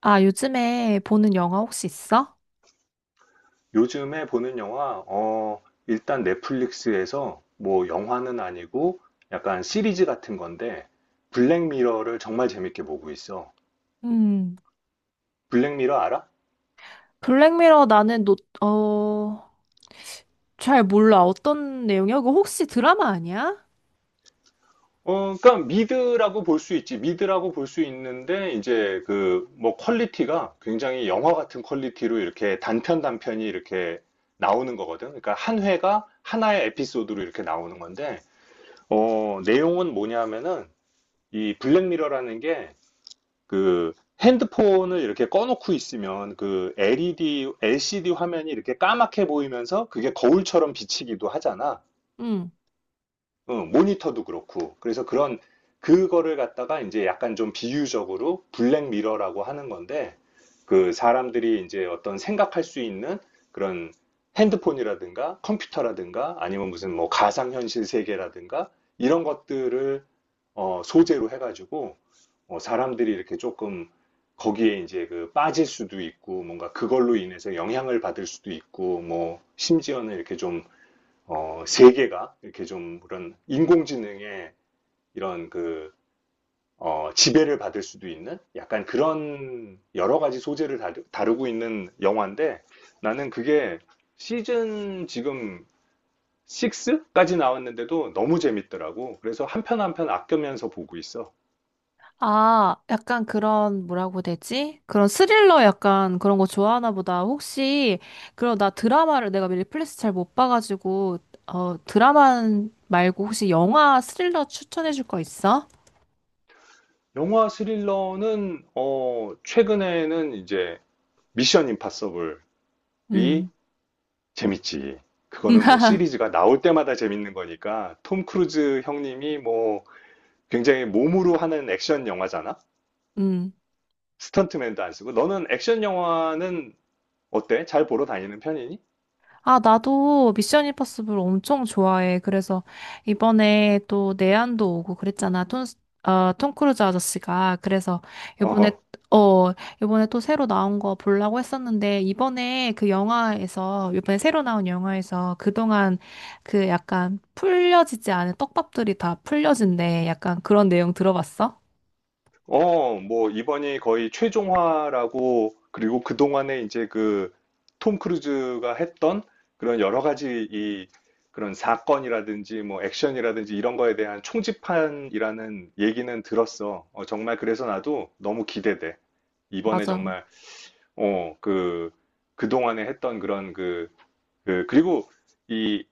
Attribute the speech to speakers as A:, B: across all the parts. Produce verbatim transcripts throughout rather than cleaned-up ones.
A: 아, 요즘에 보는 영화 혹시 있어?
B: 요즘에 보는 영화, 어, 일단 넷플릭스에서 뭐 영화는 아니고 약간 시리즈 같은 건데 블랙미러를 정말 재밌게 보고 있어.
A: 음,
B: 블랙미러 알아?
A: 블랙미러 나는 노, 어, 잘 몰라. 어떤 내용이야? 그거 혹시 드라마 아니야?
B: 어, 그러니까 미드라고 볼 수 있지. 미드라고 볼 수 있는데 이제 그 뭐 퀄리티가 굉장히 영화 같은 퀄리티로 이렇게 단편 단편이 이렇게 나오는 거거든. 그러니까 한 회가 하나의 에피소드로 이렇게 나오는 건데 어, 내용은 뭐냐면은 이 블랙미러라는 게 그 핸드폰을 이렇게 꺼놓고 있으면 그 엘이디, 엘시디 화면이 이렇게 까맣게 보이면서 그게 거울처럼 비치기도 하잖아.
A: 음,
B: 응, 모니터도 그렇고. 그래서 그런, 그거를 갖다가 이제 약간 좀 비유적으로 블랙미러라고 하는 건데, 그 사람들이 이제 어떤 생각할 수 있는 그런 핸드폰이라든가 컴퓨터라든가 아니면 무슨 뭐 가상현실 세계라든가 이런 것들을 어, 소재로 해가지고 어, 사람들이 이렇게 조금 거기에 이제 그 빠질 수도 있고 뭔가 그걸로 인해서 영향을 받을 수도 있고 뭐 심지어는 이렇게 좀 어, 세계가 이렇게 좀 그런 인공지능의 이런 그 어, 지배를 받을 수도 있는 약간 그런 여러 가지 소재를 다루, 다루고 있는 영화인데 나는 그게 시즌 지금 육까지 나왔는데도 너무 재밌더라고. 그래서 한편 한편 아껴면서 보고 있어.
A: 아, 약간 그런, 뭐라고 되지? 그런 스릴러 약간 그런 거 좋아하나 보다. 혹시, 그럼 나 드라마를 내가 넷플릭스 잘 못 봐가지고, 어, 드라마 말고 혹시 영화 스릴러 추천해줄 거 있어?
B: 영화 스릴러는 어, 최근에는 이제 미션 임파서블이
A: 음.
B: 재밌지. 그거는 뭐 시리즈가 나올 때마다 재밌는 거니까 톰 크루즈 형님이 뭐 굉장히 몸으로 하는 액션 영화잖아.
A: 음,
B: 스턴트맨도 안 쓰고 너는 액션 영화는 어때? 잘 보러 다니는 편이니?
A: 아, 나도 미션 임파서블 엄청 좋아해. 그래서 이번에 또 내한도 오고 그랬잖아. 톰, 어, 톰 크루즈 아저씨가. 그래서 이번에,
B: 어,
A: 어, 이번에 또 새로 나온 거 보려고 했었는데, 이번에 그 영화에서, 이번에 새로 나온 영화에서 그동안 그 약간 풀려지지 않은 떡밥들이 다 풀려진대. 약간 그런 내용 들어봤어?
B: 어, 뭐, 이번이 거의 최종화라고, 그리고 그동안에 이제 그, 톰 크루즈가 했던 그런 여러 가지 이, 그런 사건이라든지 뭐 액션이라든지 이런 거에 대한 총집판이라는 얘기는 들었어. 어, 정말 그래서 나도 너무 기대돼. 이번에
A: 맞아.
B: 정말, 어, 그, 그동안에 했던 그런 그, 그, 그리고 이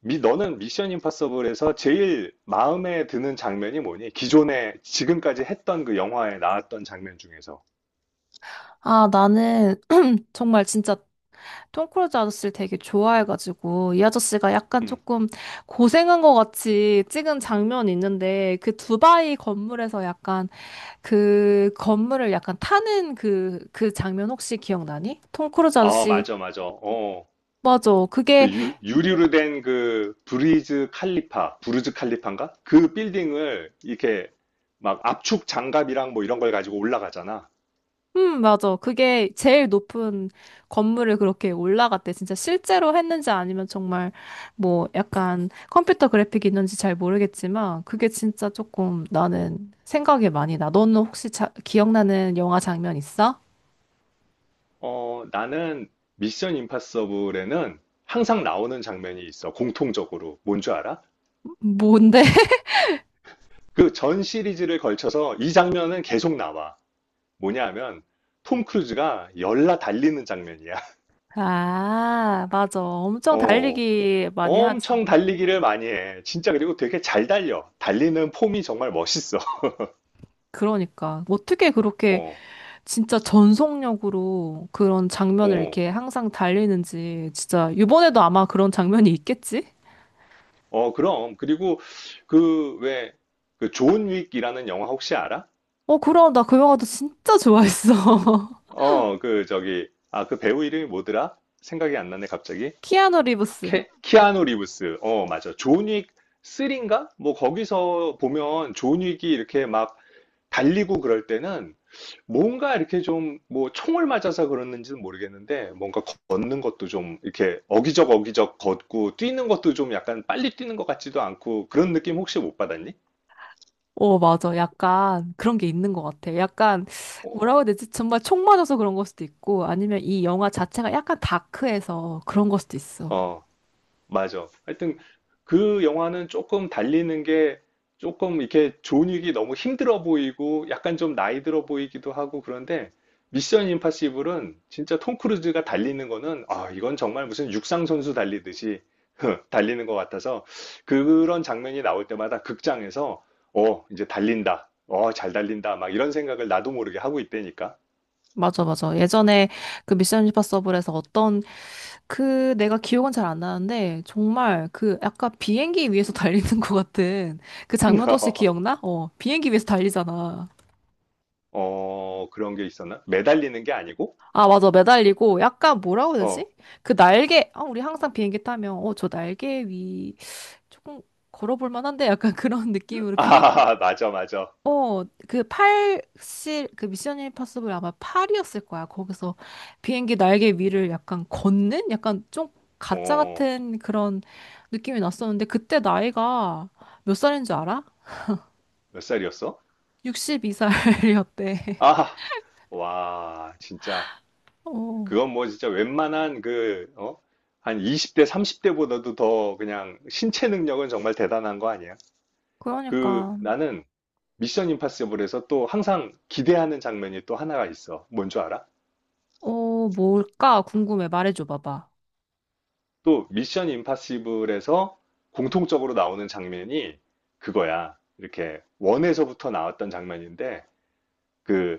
B: 미, 너는 미션 임파서블에서 제일 마음에 드는 장면이 뭐니? 기존에 지금까지 했던 그 영화에 나왔던 장면 중에서.
A: 아, 나는 정말 진짜 톰 크루즈 아저씨를 되게 좋아해가지고 이 아저씨가 약간
B: 응.
A: 조금 고생한 것 같이 찍은 장면이 있는데 그 두바이 건물에서 약간 그 건물을 약간 타는 그, 그 장면 혹시 기억나니? 톰 크루즈
B: 아,
A: 아저씨
B: 맞아, 맞아. 어.
A: 맞아.
B: 그
A: 그게
B: 유, 유리로 된 그 브리즈 칼리파, 브루즈 칼리파인가? 그 빌딩을 이렇게 막 압축 장갑이랑 뭐 이런 걸 가지고 올라가잖아.
A: 음, 맞아. 그게 제일 높은 건물을 그렇게 올라갔대. 진짜 실제로 했는지 아니면 정말 뭐 약간 컴퓨터 그래픽이 있는지 잘 모르겠지만 그게 진짜 조금 나는 생각이 많이 나. 너는 혹시 자, 기억나는 영화 장면 있어?
B: 어, 나는 미션 임파서블에는 항상 나오는 장면이 있어. 공통적으로. 뭔 줄 알아?
A: 뭔데?
B: 그 전 시리즈를 걸쳐서 이 장면은 계속 나와. 뭐냐 하면 톰 크루즈가 열나 달리는 장면이야.
A: 아, 맞아. 엄청
B: 어,
A: 달리기 많이 하지.
B: 엄청 달리기를 많이 해. 진짜 그리고 되게 잘 달려. 달리는 폼이 정말 멋있어.
A: 그러니까 어떻게 그렇게
B: 어,
A: 진짜 전속력으로 그런 장면을
B: 어,
A: 이렇게 항상 달리는지 진짜 이번에도 아마 그런 장면이 있겠지?
B: 어, 그럼. 그리고 그 왜, 그 존 윅이라는 영화 혹시 알아?
A: 어, 그럼 나 그 영화도 진짜 좋아했어.
B: 어, 그 저기, 아, 그 배우 이름이 뭐더라? 생각이 안 나네, 갑자기.
A: 키아누 리브스.
B: 케- 키아누 리브스. 어, 맞아. 존 윅 삼인가? 뭐 거기서 보면 존 윅이 이렇게 막 달리고 그럴 때는 뭔가 이렇게 좀 뭐 총을 맞아서 그러는지는 모르겠는데 뭔가 걷는 것도 좀 이렇게 어기적 어기적 걷고 뛰는 것도 좀 약간 빨리 뛰는 것 같지도 않고 그런 느낌 혹시 못 받았니?
A: 어, 맞아. 약간 그런 게 있는 것 같아. 약간 뭐라고 해야 되지? 정말 총 맞아서 그런 걸 수도 있고 아니면 이 영화 자체가 약간 다크해서 그런 걸 수도 있어.
B: 어, 맞아. 하여튼 그 영화는 조금 달리는 게 조금 이렇게 존윅이 너무 힘들어 보이고 약간 좀 나이 들어 보이기도 하고 그런데 미션 임파서블은 진짜 톰 크루즈가 달리는 거는 아, 이건 정말 무슨 육상 선수 달리듯이 달리는 것 같아서 그런 장면이 나올 때마다 극장에서 어, 이제 달린다. 어, 잘 달린다. 막 이런 생각을 나도 모르게 하고 있다니까.
A: 맞아, 맞아. 예전에 그 미션 임파서블에서 어떤 그 내가 기억은 잘 안 나는데 정말 그 약간 비행기 위에서 달리는 것 같은 그 장면도 혹시 기억나? 어, 비행기 위에서 달리잖아.
B: 어, 그런 게 있었나? 매달리는 게 아니고?
A: 아, 맞아. 매달리고 약간 뭐라고 해야 되지?
B: 어.
A: 그 날개, 아, 우리 항상 비행기 타면, 어, 저 날개 위 조금 걸어볼 만한데? 약간 그런 느낌으로 비행기,
B: 아, 맞아, 맞아.
A: 어, 그 팔, 실, 그 미션 임파서블 아마 팔이었을 거야. 거기서 비행기 날개 위를 약간 걷는? 약간 좀 가짜
B: 어,
A: 같은 그런 느낌이 났었는데, 그때 나이가 몇 살인 줄 알아?
B: 몇 살이었어?
A: 예순두 살이었대.
B: 아, 와, 진짜.
A: 어,
B: 그건 뭐 진짜 웬만한 그, 어? 한 이십 대, 삼십 대보다도 더 그냥 신체 능력은 정말 대단한 거 아니야? 그,
A: 그러니까,
B: 나는 미션 임파서블에서 또 항상 기대하는 장면이 또 하나가 있어. 뭔 줄 알아?
A: 어, 뭘까? 궁금해. 말해줘 봐봐.
B: 또 미션 임파서블에서 공통적으로 나오는 장면이 그거야. 이렇게 원에서부터 나왔던 장면인데, 그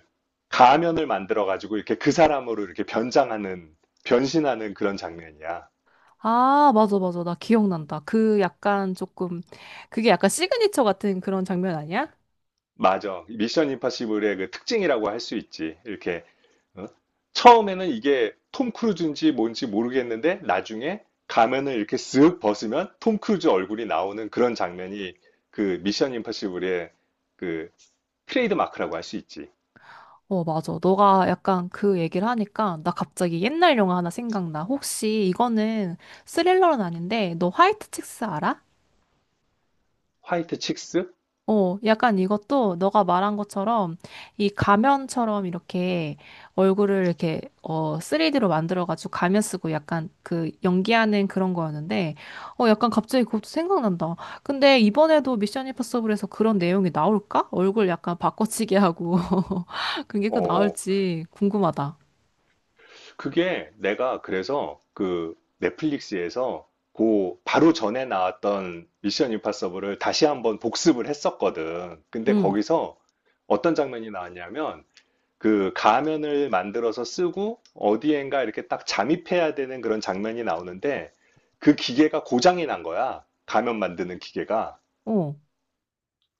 B: 가면을 만들어 가지고 이렇게 그 사람으로 이렇게 변장하는 변신하는 그런 장면이야.
A: 아, 맞아, 맞아. 나 기억난다. 그 약간 조금, 그게 약간 시그니처 같은 그런 장면 아니야?
B: 맞아. 미션 임파서블의 그 특징이라고 할 수 있지. 이렇게 어? 처음에는 이게 톰 크루즈인지 뭔지 모르겠는데 나중에 가면을 이렇게 쓱 벗으면 톰 크루즈 얼굴이 나오는 그런 장면이 그 미션 임파서블의 그 트레이드 마크라고 할 수 있지.
A: 어, 맞아. 너가 약간 그 얘기를 하니까 나 갑자기 옛날 영화 하나 생각나. 혹시 이거는 스릴러는 아닌데, 너 화이트 칙스 알아?
B: 화이트 칙스?
A: 어, 약간 이것도 너가 말한 것처럼 이 가면처럼 이렇게 얼굴을 이렇게 어 쓰리디로 만들어가지고 가면 쓰고 약간 그 연기하는 그런 거였는데 어 약간 갑자기 그것도 생각난다. 근데 이번에도 미션 임파서블에서 그런 내용이 나올까? 얼굴 약간 바꿔치기 하고 그게 그
B: 어,
A: 나올지 궁금하다.
B: 그게 내가 그래서 그 넷플릭스에서 그 바로 전에 나왔던 미션 임파서블을 다시 한번 복습을 했었거든. 근데
A: 응,
B: 거기서 어떤 장면이 나왔냐면 그 가면을 만들어서 쓰고 어디엔가 이렇게 딱 잠입해야 되는 그런 장면이 나오는데 그 기계가 고장이 난 거야. 가면 만드는 기계가.
A: 어.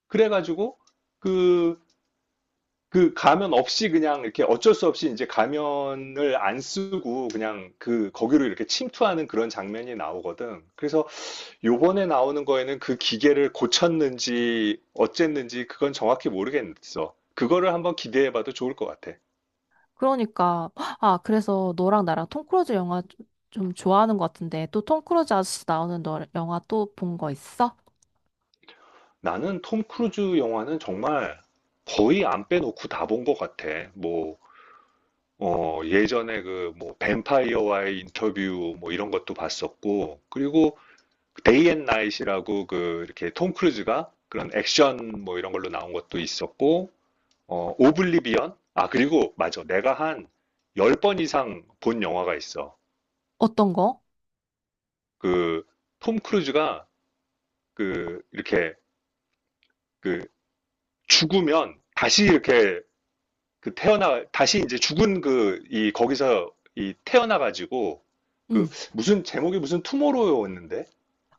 B: 그래가지고 그 그 가면 없이 그냥 이렇게 어쩔 수 없이 이제 가면을 안 쓰고 그냥 그 거기로 이렇게 침투하는 그런 장면이 나오거든. 그래서 요번에 나오는 거에는 그 기계를 고쳤는지 어쨌는지 그건 정확히 모르겠어. 그거를 한번 기대해봐도 좋을 것 같아.
A: 그러니까 아 그래서 너랑 나랑 톰 크루즈 영화 좀 좋아하는 것 같은데 또 톰 크루즈 아저씨 나오는 너 영화 또 본 거 있어?
B: 나는 톰 크루즈 영화는 정말 거의 안 빼놓고 다 본 것 같아. 뭐, 어, 예전에 그 뭐 뱀파이어와의 인터뷰 뭐 이런 것도 봤었고, 그리고 데이 앤 나잇이라고 그 이렇게 톰 크루즈가 그런 액션 뭐 이런 걸로 나온 것도 있었고 어 오블리비언 아 그리고 맞아 내가 한 열 번 이상 본 영화가 있어
A: 어떤 거?
B: 그 톰 크루즈가 그 이렇게 그 죽으면 다시 이렇게 그 태어나 다시 이제 죽은 그 이 거기서 이 태어나 가지고 그
A: 응.
B: 무슨 제목이 무슨 투모로우였는데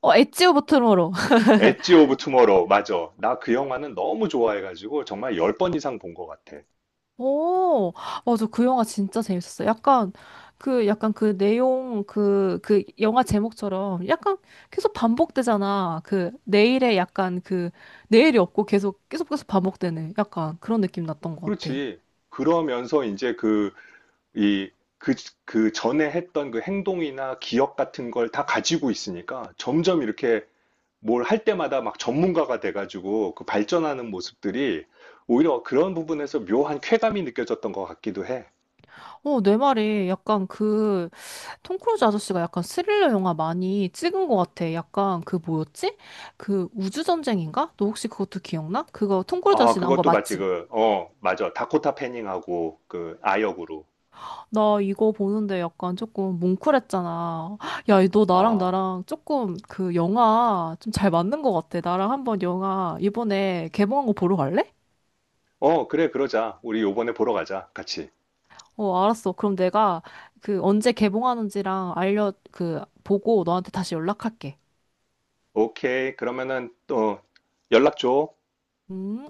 A: 어, 엣지오 버트모로.
B: 엣지 오브 투모로우 맞아 나 그 영화는 너무 좋아해 가지고 정말 열 번 이상 본 것 같아
A: 오, 맞아. 그 영화 진짜 재밌었어. 약간, 그, 약간 그 내용, 그, 그 영화 제목처럼 약간 계속 반복되잖아. 그, 내일에 약간 그, 내일이 없고 계속, 계속 계속 반복되는 약간 그런 느낌 났던 것 같아.
B: 그렇지. 그러면서 이제 그, 이, 그, 그 전에 했던 그 행동이나 기억 같은 걸 다 가지고 있으니까 점점 이렇게 뭘 할 때마다 막 전문가가 돼가지고 그 발전하는 모습들이 오히려 그런 부분에서 묘한 쾌감이 느껴졌던 것 같기도 해.
A: 어, 내 말이 약간 그, 톰 크루즈 아저씨가 약간 스릴러 영화 많이 찍은 것 같아. 약간 그 뭐였지? 그 우주전쟁인가? 너 혹시 그것도 기억나? 그거 톰 크루즈
B: 아,
A: 아저씨 나온 거
B: 그것도 맞지.
A: 맞지?
B: 그, 어, 맞아. 다코타 패닝하고 그 아역으로.
A: 나 이거 보는데 약간 조금 뭉클했잖아. 야, 너 나랑
B: 아,
A: 나랑 조금 그 영화 좀 잘 맞는 것 같아. 나랑 한번 영화 이번에 개봉한 거 보러 갈래?
B: 어, 그래, 그러자. 우리 요번에 보러 가자. 같이.
A: 어, 알았어. 그럼 내가 그 언제 개봉하는지랑 알려, 그, 보고 너한테 다시 연락할게.
B: 오케이. 그러면은 또 연락 줘.
A: 음.